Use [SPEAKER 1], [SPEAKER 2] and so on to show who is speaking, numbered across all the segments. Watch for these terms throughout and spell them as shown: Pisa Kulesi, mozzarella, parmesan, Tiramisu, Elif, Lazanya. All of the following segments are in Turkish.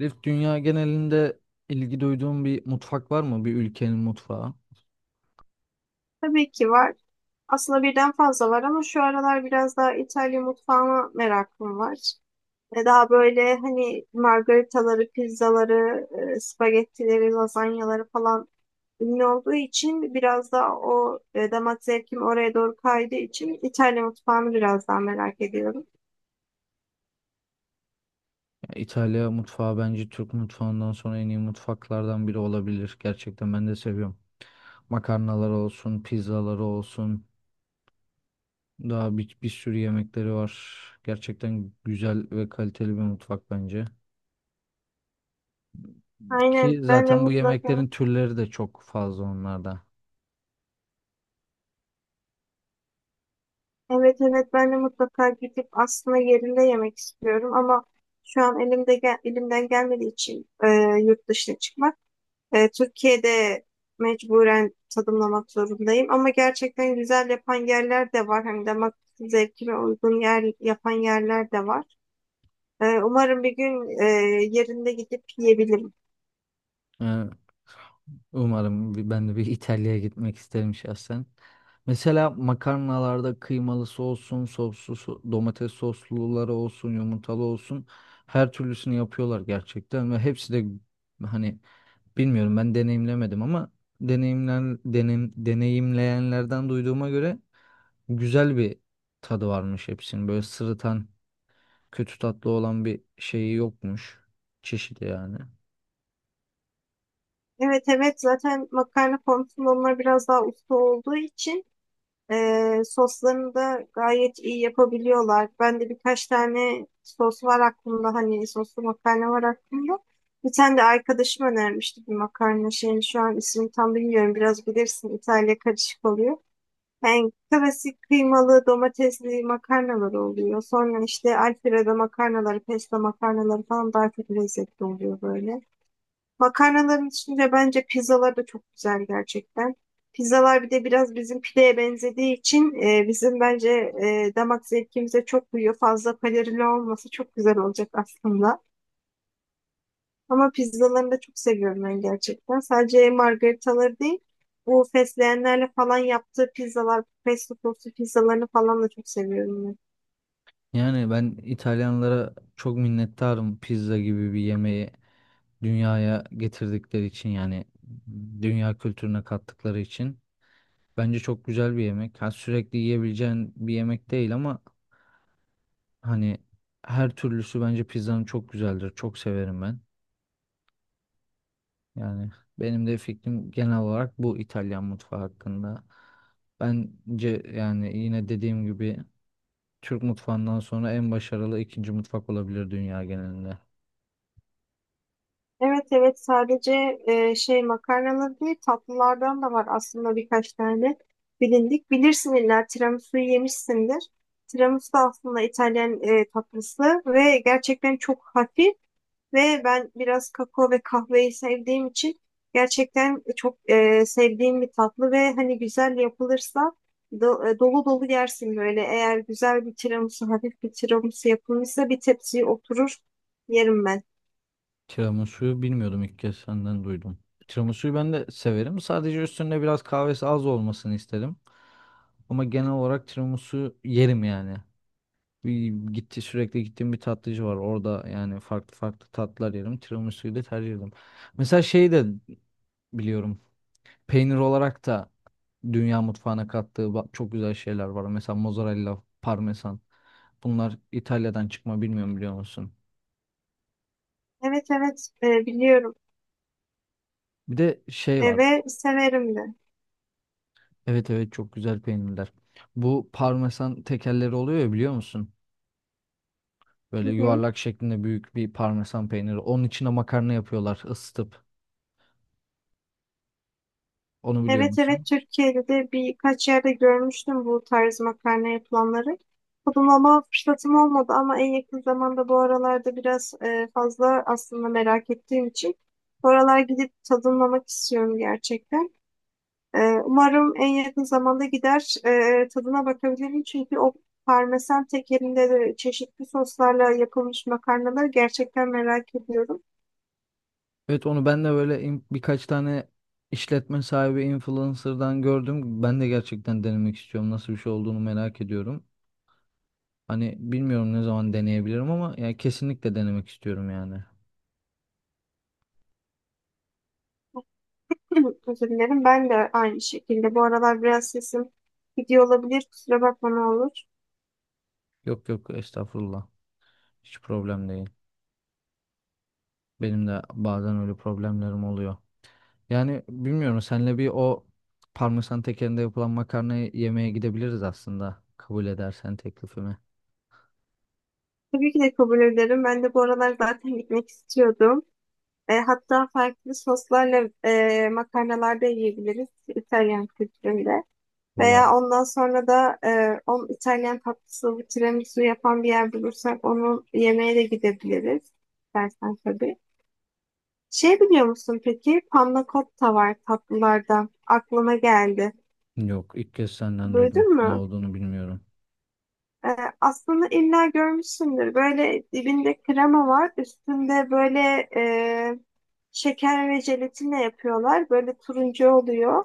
[SPEAKER 1] Elif, dünya genelinde ilgi duyduğun bir mutfak var mı? Bir ülkenin mutfağı.
[SPEAKER 2] Tabii ki var. Aslında birden fazla var ama şu aralar biraz daha İtalya mutfağına merakım var. Ve daha böyle hani margaritaları, pizzaları, spagettileri, lazanyaları falan ünlü olduğu için biraz daha o damak zevkim oraya doğru kaydığı için İtalya mutfağını biraz daha merak ediyorum.
[SPEAKER 1] Ya İtalya mutfağı bence Türk mutfağından sonra en iyi mutfaklardan biri olabilir. Gerçekten ben de seviyorum. Makarnalar olsun, pizzaları olsun. Daha bir sürü yemekleri var. Gerçekten güzel ve kaliteli bir mutfak bence. Ki
[SPEAKER 2] Aynen, ben de
[SPEAKER 1] zaten bu
[SPEAKER 2] mutlaka
[SPEAKER 1] yemeklerin türleri de çok fazla onlarda.
[SPEAKER 2] evet, evet, ben de mutlaka gidip aslında yerinde yemek istiyorum ama şu an elimde elimden gelmediği için yurt dışına çıkmak. Türkiye'de mecburen tadımlamak zorundayım ama gerçekten güzel yapan yerler de var. Hem damak zevkime uygun yer yapan yerler de var. Umarım bir gün yerinde gidip yiyebilirim.
[SPEAKER 1] Yani umarım ben de bir İtalya'ya gitmek isterim şahsen. Mesela makarnalarda kıymalısı olsun, soslu, domates sosluları olsun, yumurtalı olsun. Her türlüsünü yapıyorlar gerçekten ve hepsi de hani bilmiyorum, ben deneyimlemedim ama deneyimleyenlerden duyduğuma göre güzel bir tadı varmış hepsinin. Böyle sırıtan, kötü tatlı olan bir şeyi yokmuş. Çeşidi yani.
[SPEAKER 2] Evet, evet, zaten makarna konusunda onlar biraz daha usta olduğu için soslarını da gayet iyi yapabiliyorlar. Ben de birkaç tane sos var aklımda. Hani soslu makarna var aklımda. Bir tane de arkadaşım önermişti bir makarna şeyini. Şu an ismini tam bilmiyorum. Biraz bilirsin, İtalya karışık oluyor. Yani klasik kıymalı domatesli makarnalar oluyor. Sonra işte alfredo makarnaları, pesto makarnaları falan daha çok lezzetli oluyor böyle. Makarnaların içinde bence pizzalar da çok güzel gerçekten. Pizzalar bir de biraz bizim pideye benzediği için bizim bence damak zevkimize çok uyuyor. Fazla kalorili olması çok güzel olacak aslında. Ama pizzalarını da çok seviyorum ben gerçekten. Sadece margaritaları değil, bu fesleğenlerle falan yaptığı pizzalar, pesto soslu pizzalarını falan da çok seviyorum.
[SPEAKER 1] Yani ben İtalyanlara çok minnettarım pizza gibi bir yemeği dünyaya getirdikleri için, yani dünya kültürüne kattıkları için. Bence çok güzel bir yemek. Ha, sürekli yiyebileceğin bir yemek değil ama hani her türlüsü bence pizzanın çok güzeldir. Çok severim ben. Yani benim de fikrim genel olarak bu İtalyan mutfağı hakkında. Bence yani yine dediğim gibi Türk mutfağından sonra en başarılı ikinci mutfak olabilir dünya genelinde.
[SPEAKER 2] Evet, evet, sadece şey makarnalar değil, tatlılardan da var aslında birkaç tane bilindik. Bilirsin, illa tiramisu'yu yemişsindir. Tiramisu da aslında İtalyan tatlısı ve gerçekten çok hafif. Ve ben biraz kakao ve kahveyi sevdiğim için gerçekten çok sevdiğim bir tatlı ve hani güzel yapılırsa dolu dolu yersin böyle. Eğer güzel bir tiramisu, hafif bir tiramisu yapılmışsa bir tepsiye oturur yerim ben.
[SPEAKER 1] Tiramisu'yu bilmiyordum, ilk kez senden duydum. Tiramisu'yu ben de severim. Sadece üstünde biraz kahvesi az olmasını isterim. Ama genel olarak tiramisu yerim yani. Bir gitti sürekli gittiğim bir tatlıcı var. Orada yani farklı farklı tatlar yerim. Tiramisu'yu da tercih ederim. Mesela şeyi de biliyorum. Peynir olarak da dünya mutfağına kattığı çok güzel şeyler var. Mesela mozzarella, parmesan. Bunlar İtalya'dan çıkma, bilmiyorum biliyor musun?
[SPEAKER 2] Evet, evet, biliyorum.
[SPEAKER 1] Bir de şey var.
[SPEAKER 2] Ve severim de.
[SPEAKER 1] Evet evet, çok güzel peynirler. Bu parmesan tekerleri oluyor ya, biliyor musun?
[SPEAKER 2] Hı
[SPEAKER 1] Böyle
[SPEAKER 2] hı.
[SPEAKER 1] yuvarlak şeklinde büyük bir parmesan peyniri. Onun içine makarna yapıyorlar ısıtıp. Onu biliyor
[SPEAKER 2] Evet,
[SPEAKER 1] musun?
[SPEAKER 2] evet, Türkiye'de de birkaç yerde görmüştüm bu tarz makarna yapılanları. Tadımlama fırsatım olmadı ama en yakın zamanda, bu aralarda biraz fazla aslında merak ettiğim için bu aralar gidip tadımlamak istiyorum gerçekten. E, Umarım en yakın zamanda gider tadına bakabilirim, çünkü o parmesan tekerinde de çeşitli soslarla yapılmış makarnaları gerçekten merak ediyorum.
[SPEAKER 1] Evet, onu ben de böyle birkaç tane işletme sahibi influencer'dan gördüm. Ben de gerçekten denemek istiyorum. Nasıl bir şey olduğunu merak ediyorum. Hani bilmiyorum ne zaman deneyebilirim ama yani kesinlikle denemek istiyorum yani.
[SPEAKER 2] Özür dilerim. Ben de aynı şekilde. Bu aralar biraz sesim gidiyor olabilir. Kusura bakma ne olur.
[SPEAKER 1] Yok yok, estağfurullah. Hiç problem değil. Benim de bazen öyle problemlerim oluyor. Yani bilmiyorum, senle bir o parmesan tekerinde yapılan makarnayı yemeye gidebiliriz aslında. Kabul edersen teklifimi.
[SPEAKER 2] Tabii ki de kabul ederim. Ben de bu aralar zaten gitmek istiyordum. Hatta farklı soslarla makarnalar da yiyebiliriz İtalyan kültüründe. Veya
[SPEAKER 1] Allah,
[SPEAKER 2] ondan sonra da on İtalyan tatlısı, tiramisu yapan bir yer bulursak onu yemeğe de gidebiliriz. İstersen tabii. Şey, biliyor musun peki? Panna cotta var tatlılardan. Aklıma geldi.
[SPEAKER 1] yok ilk kez senden duydum.
[SPEAKER 2] Duydun
[SPEAKER 1] Ne
[SPEAKER 2] mu?
[SPEAKER 1] olduğunu bilmiyorum.
[SPEAKER 2] Ee, Aslında illa görmüşsündür. Böyle dibinde krema var. Üstünde böyle e, şeker ve jelatinle yapıyorlar. Böyle turuncu oluyor.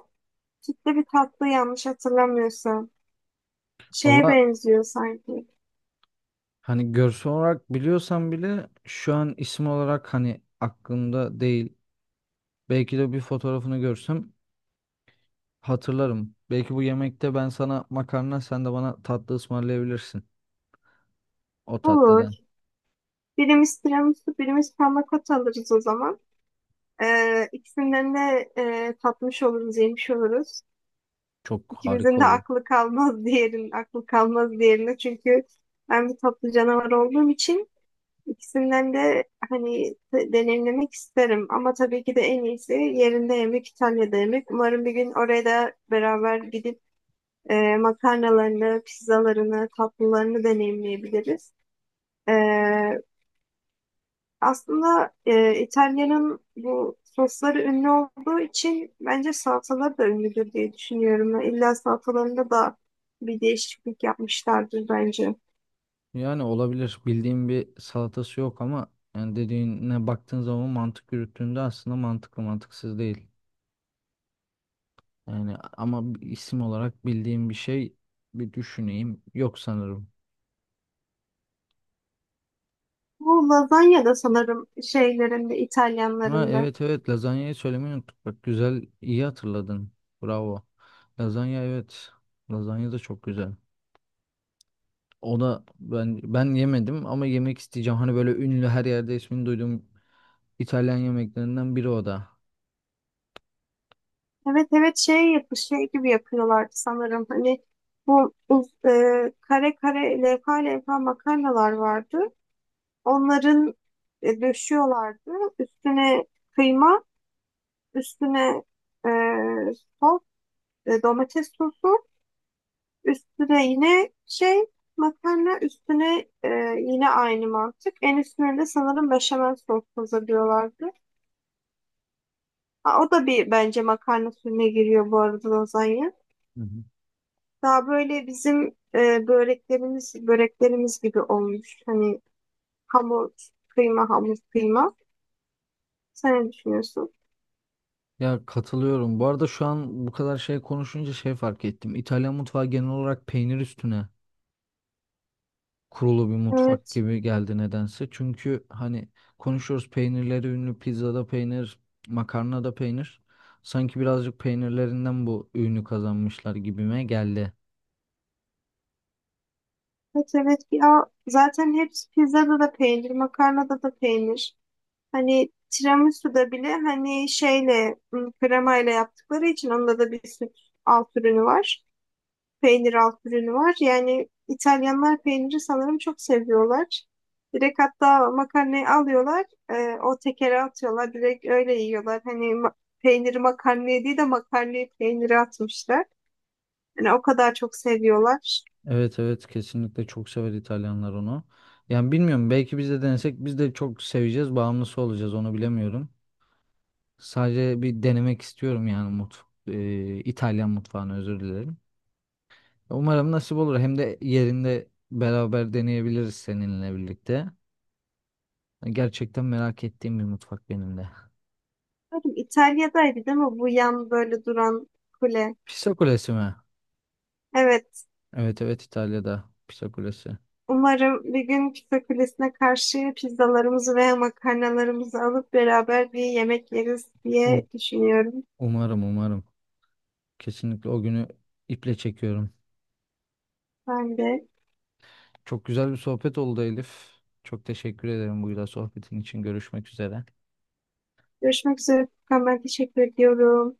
[SPEAKER 2] Sütlü bir tatlı yanlış hatırlamıyorsam. Şeye
[SPEAKER 1] Allah,
[SPEAKER 2] benziyor sanki.
[SPEAKER 1] hani görsel olarak biliyorsam bile şu an isim olarak hani aklımda değil. Belki de bir fotoğrafını görsem hatırlarım. Belki bu yemekte ben sana makarna, sen de bana tatlı ısmarlayabilirsin. O
[SPEAKER 2] Olur.
[SPEAKER 1] tatlıdan.
[SPEAKER 2] Birimiz tiramisu, birimiz panna cotta alırız o zaman. İkisinden de tatmış oluruz, yemiş oluruz.
[SPEAKER 1] Çok
[SPEAKER 2] İkimizin
[SPEAKER 1] harika
[SPEAKER 2] de
[SPEAKER 1] olur.
[SPEAKER 2] aklı kalmaz diğerinin, aklı kalmaz diğerine. Çünkü ben bir tatlı canavar olduğum için İkisinden de hani deneyimlemek isterim ama tabii ki de en iyisi yerinde yemek, İtalya'da yemek. Umarım bir gün oraya da beraber gidip makarnalarını, pizzalarını, tatlılarını deneyimleyebiliriz. E, Aslında İtalya'nın bu sosları ünlü olduğu için bence salatalar da ünlüdür diye düşünüyorum. İlla salatalarında da bir değişiklik yapmışlardır bence.
[SPEAKER 1] Yani olabilir. Bildiğim bir salatası yok ama yani dediğine baktığın zaman mantık yürüttüğünde aslında mantıklı, mantıksız değil. Yani ama bir isim olarak bildiğim bir şey, bir düşüneyim. Yok sanırım.
[SPEAKER 2] Bu lazanya da sanırım şeylerinde,
[SPEAKER 1] Ha
[SPEAKER 2] İtalyanlarında.
[SPEAKER 1] evet evet, lazanyayı söylemeyi unuttuk. Bak güzel, iyi hatırladın. Bravo. Lazanya evet. Lazanya da çok güzel. O da ben yemedim ama yemek isteyeceğim. Hani böyle ünlü, her yerde ismini duyduğum İtalyan yemeklerinden biri o da.
[SPEAKER 2] Evet, evet, şey yapı şey gibi yapıyorlardı sanırım. Hani kare kare, levha levha makarnalar vardı. Onların döşüyorlardı. Üstüne kıyma, üstüne e, sos, domates sosu, üstüne yine şey makarna, üstüne yine aynı mantık. En üstüne de sanırım beşamel sos hazırlıyorlardı. Ha, o da bence makarna suyuna giriyor bu arada lazanya.
[SPEAKER 1] Hı hı.
[SPEAKER 2] Daha böyle bizim böreklerimiz gibi olmuş. Hani hamur, kıyma, hamur, kıyma. Sen ne düşünüyorsun?
[SPEAKER 1] Ya katılıyorum. Bu arada şu an bu kadar şey konuşunca şey fark ettim. İtalyan mutfağı genel olarak peynir üstüne kurulu bir mutfak
[SPEAKER 2] Evet,
[SPEAKER 1] gibi geldi nedense. Çünkü hani konuşuyoruz, peynirleri ünlü, pizzada peynir, makarnada peynir. Sanki birazcık peynirlerinden bu ünü kazanmışlar gibime geldi.
[SPEAKER 2] evet, evet. Ya zaten hepsi pizzada da peynir, makarnada da peynir. Hani tiramisu'da bile hani kremayla yaptıkları için onda da bir süt alt ürünü var, peynir alt ürünü var. Yani İtalyanlar peyniri sanırım çok seviyorlar. Direkt hatta makarnayı alıyorlar, o tekere atıyorlar, direkt öyle yiyorlar. Hani peyniri makarnaya değil de makarnayı peynire atmışlar. Yani o kadar çok seviyorlar.
[SPEAKER 1] Evet evet, kesinlikle çok sever İtalyanlar onu. Yani bilmiyorum, belki biz de denesek biz de çok seveceğiz, bağımlısı olacağız, onu bilemiyorum. Sadece bir denemek istiyorum yani mutfak, İtalyan mutfağını, özür dilerim. Umarım nasip olur. Hem de yerinde beraber deneyebiliriz seninle birlikte. Gerçekten merak ettiğim bir mutfak benim de.
[SPEAKER 2] Umarım İtalya'daydı değil mi bu yan böyle duran kule?
[SPEAKER 1] Pisa Kulesi mi?
[SPEAKER 2] Evet,
[SPEAKER 1] Evet evet, İtalya'da Pisa Kulesi.
[SPEAKER 2] umarım bir gün pizza kulesine karşı pizzalarımızı veya makarnalarımızı alıp beraber bir yemek yeriz
[SPEAKER 1] Um-
[SPEAKER 2] diye düşünüyorum
[SPEAKER 1] Umarım, umarım. Kesinlikle o günü iple çekiyorum.
[SPEAKER 2] ben de.
[SPEAKER 1] Çok güzel bir sohbet oldu Elif. Çok teşekkür ederim bu güzel sohbetin için. Görüşmek üzere.
[SPEAKER 2] Görüşmek üzere Furkan. Ben teşekkür ediyorum.